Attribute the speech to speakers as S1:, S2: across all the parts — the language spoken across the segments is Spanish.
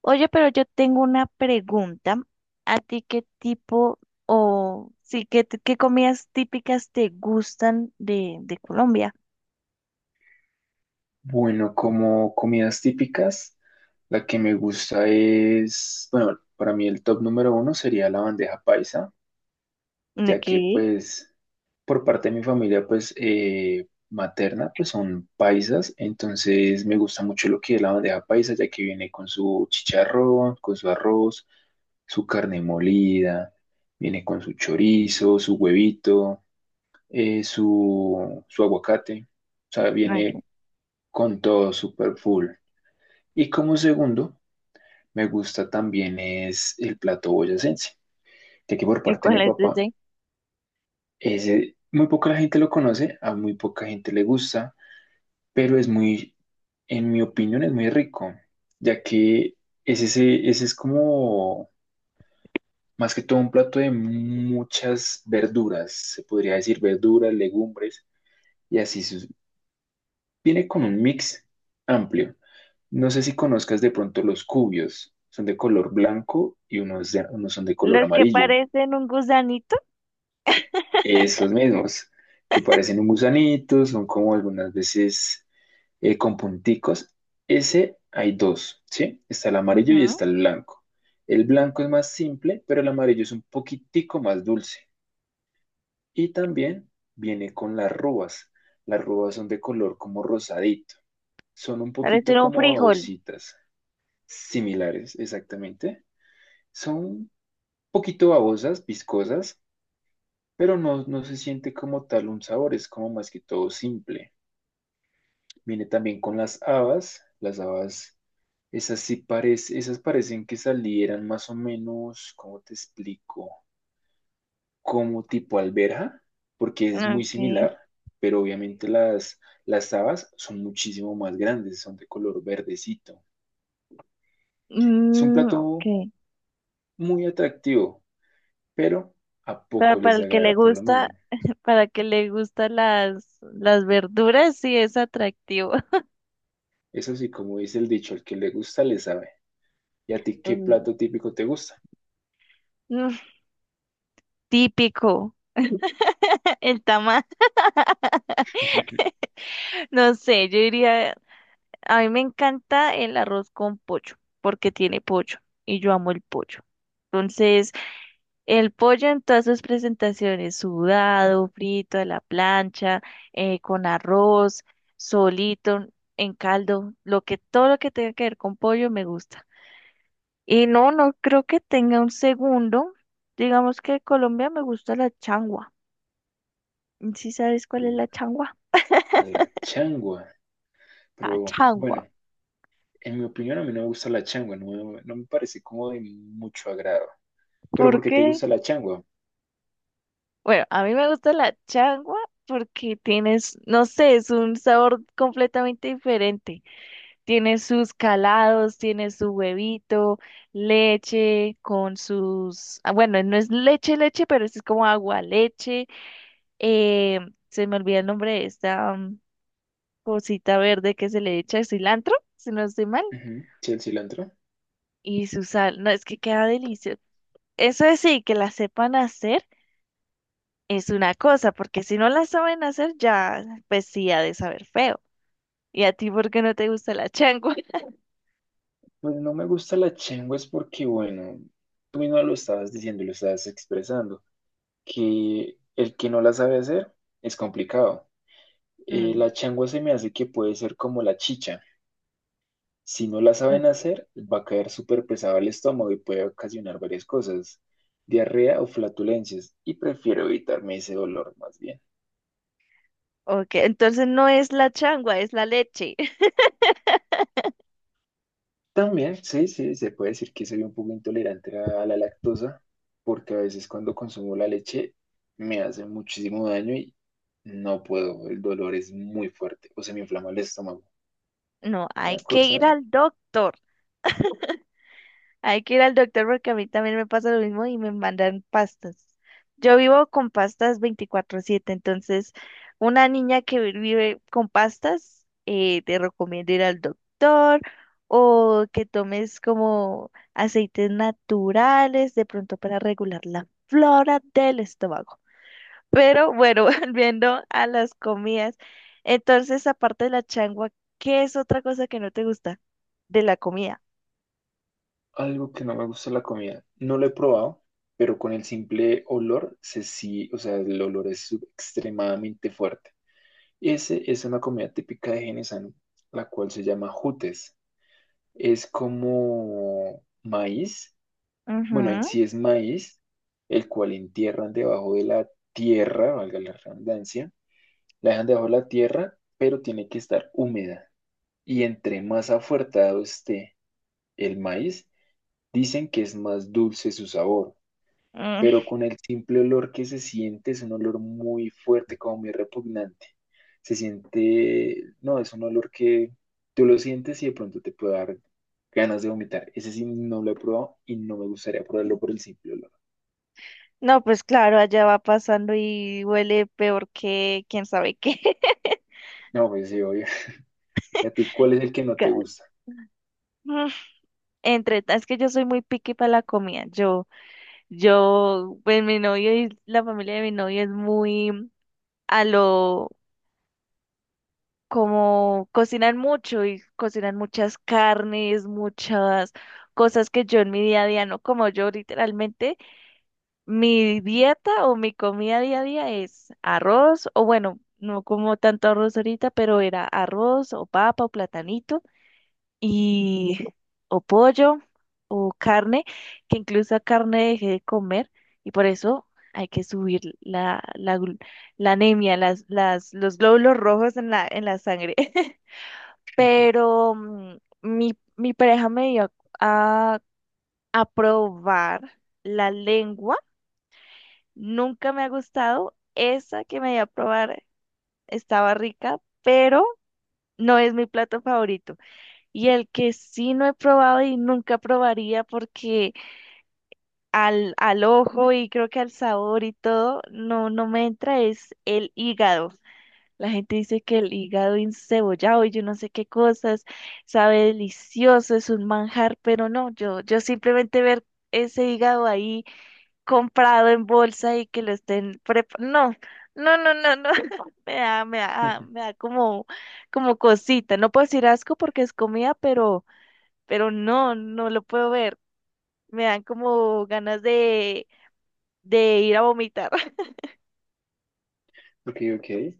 S1: Oye, pero yo tengo una pregunta. ¿A ti qué tipo o sí, qué, t- qué comidas típicas te gustan de Colombia?
S2: Bueno, como comidas típicas, la que me gusta es, bueno, para mí el top número uno sería la bandeja paisa, ya que
S1: Okay,
S2: pues por parte de mi familia pues materna pues son paisas, entonces me gusta mucho lo que es la bandeja paisa, ya que viene con su chicharrón, con su arroz, su carne molida, viene con su chorizo, su huevito, su aguacate, o sea,
S1: ok.
S2: viene con todo super full. Y como segundo, me gusta también es el plato boyacense, ya que por
S1: ¿Y
S2: parte de mi
S1: cuáles
S2: papá,
S1: dicen?
S2: ese muy poca la gente lo conoce, a muy poca gente le gusta, pero es muy, en mi opinión, es muy rico, ya que es ese, ese es como más que todo un plato de muchas verduras, se podría decir verduras, legumbres, y así viene con un mix amplio. No sé si conozcas de pronto los cubios. Son de color blanco y unos, unos son de color
S1: Los que
S2: amarillo.
S1: parecen un gusanito.
S2: Esos mismos, que parecen un gusanito, son como algunas veces con punticos. Ese hay dos, ¿sí? Está el amarillo y
S1: Ujú.
S2: está el blanco. El blanco es más simple, pero el amarillo es un poquitico más dulce. Y también viene con las rubas. Las rubas son de color como rosadito. Son un poquito
S1: Parecen un
S2: como
S1: frijol.
S2: babositas, similares, exactamente. Son poquito babosas, viscosas, pero no, no se siente como tal un sabor, es como más que todo simple. Viene también con las habas, esas sí parecen, esas parecen que salieran más o menos, ¿cómo te explico? Como tipo alberja, porque es muy
S1: Okay.
S2: similar, pero obviamente las habas son muchísimo más grandes, son de color verdecito. Es un
S1: Mm,
S2: plato
S1: okay.
S2: muy atractivo, pero a
S1: Pero
S2: poco
S1: para
S2: les
S1: el que le
S2: agrada por lo
S1: gusta,
S2: mismo.
S1: para el que le gustan las verduras, sí es atractivo.
S2: Es así como dice el dicho, el que le gusta le sabe. ¿Y a ti qué plato típico te gusta?
S1: Mm, típico. El tamal. No sé, yo diría, a mí me encanta el arroz con pollo, porque tiene pollo y yo amo el pollo. Entonces, el pollo en todas sus presentaciones, sudado, frito, a la plancha, con arroz, solito, en caldo, lo que, todo lo que tenga que ver con pollo me gusta. Y no, no creo que tenga un segundo. Digamos que en Colombia me gusta la changua. ¿Sí sabes cuál es la changua?
S2: La changua.
S1: La
S2: Pero
S1: changua.
S2: bueno, en mi opinión a mí no me gusta la changua, no, no me parece como de mucho agrado. ¿Pero
S1: ¿Por
S2: por qué te
S1: qué?
S2: gusta la changua?
S1: Bueno, a mí me gusta la changua porque tienes, no sé, es un sabor completamente diferente. Tiene sus calados, tiene su huevito, leche con sus, bueno, no es leche, leche, pero es como agua leche. Eh, se me olvida el nombre de esta cosita verde que se le echa cilantro, si no estoy mal,
S2: Ujú. ¿Sí, el cilantro?
S1: y su sal. No, es que queda delicioso. Eso es sí, que la sepan hacer. Es una cosa, porque si no la saben hacer, ya pues sí ha de saber feo. ¿Y a ti por qué no te gusta la changua?
S2: Pues no me gusta la changua es porque, bueno, tú mismo lo estabas diciendo, lo estabas expresando, que el que no la sabe hacer es complicado.
S1: Mm,
S2: La changua se me hace que puede ser como la chicha. Si no la
S1: eh,
S2: saben hacer, va a caer súper pesado al estómago y puede ocasionar varias cosas, diarrea o flatulencias, y prefiero evitarme ese dolor más bien.
S1: ok, entonces no es la changua, es la leche.
S2: También, sí, sí, se puede decir que soy un poco intolerante a la lactosa, porque a veces cuando consumo la leche me hace muchísimo daño y no puedo, el dolor es muy fuerte o se me inflama el estómago.
S1: No, hay
S2: Una
S1: que
S2: cosa.
S1: ir al doctor. Hay que ir al doctor porque a mí también me pasa lo mismo y me mandan pastas. Yo vivo con pastas 24/7, entonces una niña que vive con pastas, te recomiendo ir al doctor o que tomes como aceites naturales de pronto para regular la flora del estómago. Pero bueno, volviendo a las comidas, entonces aparte de la changua, ¿qué es otra cosa que no te gusta de la comida?
S2: Algo que no me gusta de la comida. No lo he probado, pero con el simple olor, se sí, o sea, el olor es extremadamente fuerte. Ese es una comida típica de Genesano, la cual se llama jutes. Es como maíz, bueno, en
S1: Ujú.
S2: sí es maíz, el cual entierran debajo de la tierra, valga la redundancia, la dejan debajo de la tierra, pero tiene que estar húmeda. Y entre más afuertado esté el maíz, dicen que es más dulce su sabor. Pero con el simple olor que se siente, es un olor muy fuerte, como muy repugnante. Se siente, no, es un olor que tú lo sientes y de pronto te puede dar ganas de vomitar. Ese sí no lo he probado y no me gustaría probarlo por el simple olor.
S1: No, pues claro, allá va pasando y huele peor que quién sabe qué.
S2: No, pues sí, obvio. ¿Y a ti cuál es el que no te
S1: Gas.
S2: gusta?
S1: Mm, es que yo soy muy picky para la comida. Pues mi novio y la familia de mi novio es muy a lo, como cocinan mucho y cocinan muchas carnes, muchas cosas que yo en mi día a día no como yo literalmente. Mi dieta o mi comida día a día es arroz, o bueno, no como tanto arroz ahorita, pero era arroz o papa o platanito y o pollo o carne, que incluso a carne dejé de comer y por eso hay que subir la anemia, los glóbulos rojos en en la sangre. Pero mi pareja me dio a, a probar la lengua. Nunca me ha gustado. Esa que me di a probar estaba rica, pero no es mi plato favorito. Y el que sí no he probado y nunca probaría porque al ojo y creo que al sabor y todo, no, no me entra es el hígado. La gente dice que el hígado encebollado y yo no sé qué cosas, sabe delicioso, es un manjar, pero no, yo simplemente ver ese hígado ahí comprado en bolsa y que lo estén preparando. No, no, no, no, no. Me da, me da, me da como, como cosita. No puedo decir asco porque es comida, pero no, no lo puedo ver. Me dan como ganas de ir a vomitar.
S2: Ok, ok.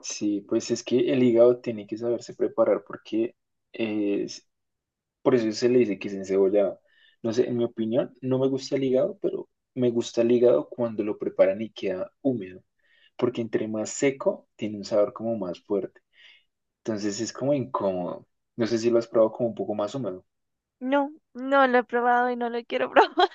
S2: Sí, pues es que el hígado tiene que saberse preparar porque eh, por eso se le dice que es encebollado. No sé, en mi opinión, no me gusta el hígado, pero me gusta el hígado cuando lo preparan y queda húmedo, porque entre más seco, tiene un sabor como más fuerte. Entonces es como incómodo. No sé si lo has probado como un poco más húmedo,
S1: No, no lo he probado y no lo quiero probar.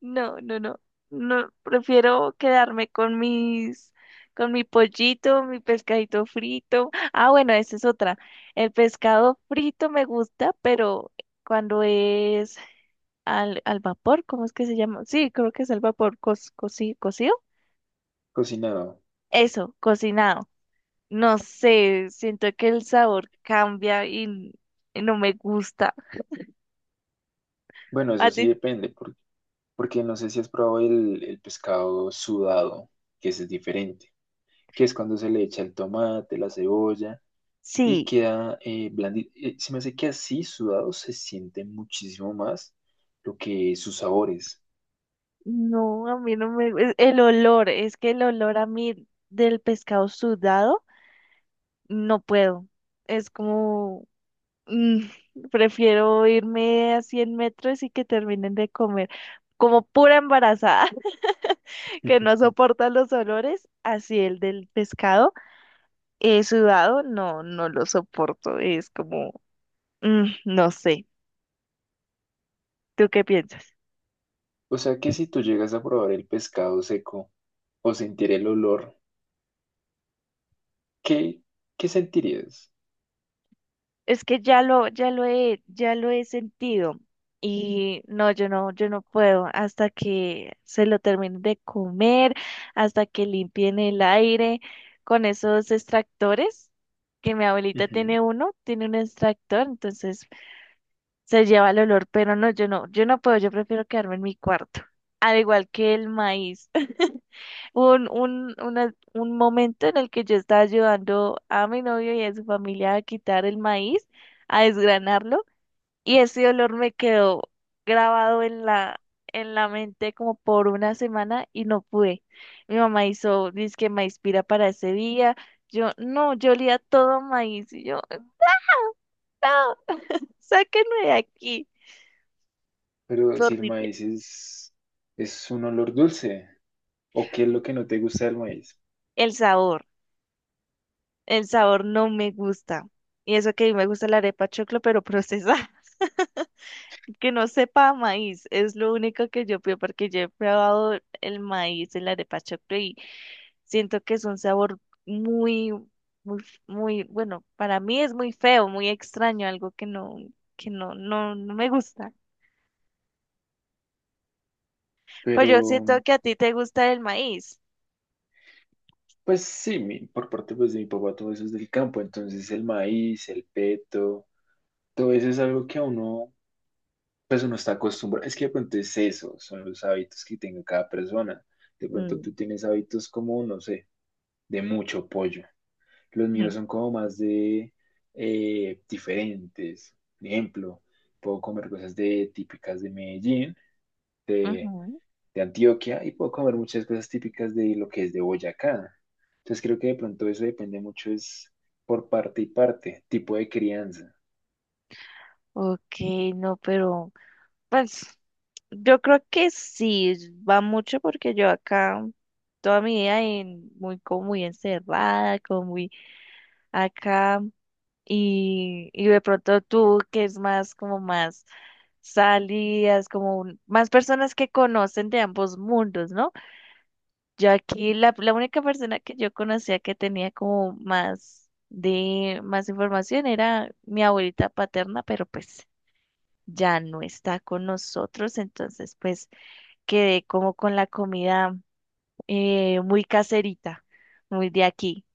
S1: No, no, no. No, prefiero quedarme con mis, con mi pollito, mi pescadito frito. Ah, bueno, esa es otra. El pescado frito me gusta, pero cuando es al vapor, ¿cómo es que se llama? Sí, creo que es al vapor, cocido.
S2: cocinado.
S1: Eso, cocinado. No sé, siento que el sabor cambia y no me gusta.
S2: Bueno,
S1: ¿A
S2: eso sí
S1: ti?
S2: depende, porque, porque no sé si has probado el pescado sudado, que ese es diferente, que es cuando se le echa el tomate, la cebolla. Y
S1: Sí.
S2: queda blandito. Se me hace que así sudado se siente muchísimo más lo que sus sabores.
S1: No, a mí no me, el olor, es que el olor a mí del pescado sudado, no puedo. Es como, mm, prefiero irme a 100 metros y que terminen de comer. Como pura embarazada que no soporta los olores, así el del pescado sudado, no, no lo soporto. Es como, no sé. ¿Tú qué piensas?
S2: O sea que si tú llegas a probar el pescado seco o sentir el olor, ¿qué, ¿qué sentirías?
S1: Es que ya lo he sentido y no, yo no puedo hasta que se lo terminen de comer, hasta que limpien el aire con esos extractores, que mi abuelita
S2: Ujú.
S1: tiene uno, tiene un extractor, entonces se lleva el olor, pero no, yo no puedo, yo prefiero quedarme en mi cuarto, al igual que el maíz. Hubo un momento en el que yo estaba ayudando a mi novio y a su familia a quitar el maíz, a desgranarlo. Y ese olor me quedó grabado en en la mente como por una semana y no pude. Mi mamá hizo disque maíz pira para ese día. Yo, no, yo olía todo maíz. Y yo, no, sáquenme de aquí.
S2: Pero
S1: Fue
S2: si el
S1: horrible.
S2: maíz es un olor dulce, ¿o qué es lo que no te gusta del maíz?
S1: El sabor, el sabor no me gusta. Y eso que a mí me gusta la arepa choclo, pero procesada. Que no sepa a maíz, es lo único que yo pido porque yo he probado el maíz, el arepa choclo y siento que es un sabor muy, muy, muy, bueno, para mí es muy feo, muy extraño, algo que no, no, no me gusta. Pues yo
S2: Pero,
S1: siento que a ti te gusta el maíz.
S2: pues sí, mi- por parte pues, de mi papá todo eso es del campo, entonces el maíz, el peto, todo eso es algo que a uno pues uno está acostumbrado, es que de pronto es eso, son los hábitos que tenga cada persona. De pronto
S1: Mm.
S2: tú tienes hábitos como, no sé, de mucho pollo. Los míos son como más de diferentes. Por ejemplo, puedo comer cosas de típicas de Medellín, de,
S1: Ujú.
S2: de Antioquia, y puedo comer muchas cosas típicas de lo que es de Boyacá. Entonces creo que de pronto eso depende mucho, es por parte y parte, tipo de crianza.
S1: Ok, no, pero pues yo creo que sí, va mucho porque yo acá toda mi vida muy como muy encerrada, como muy acá y de pronto tú que es más como más salidas, como más personas que conocen de ambos mundos, ¿no? Yo aquí la única persona que yo conocía que tenía como más de más información era mi abuelita paterna, pero pues ya no está con nosotros, entonces pues quedé como con la comida muy caserita, muy de aquí.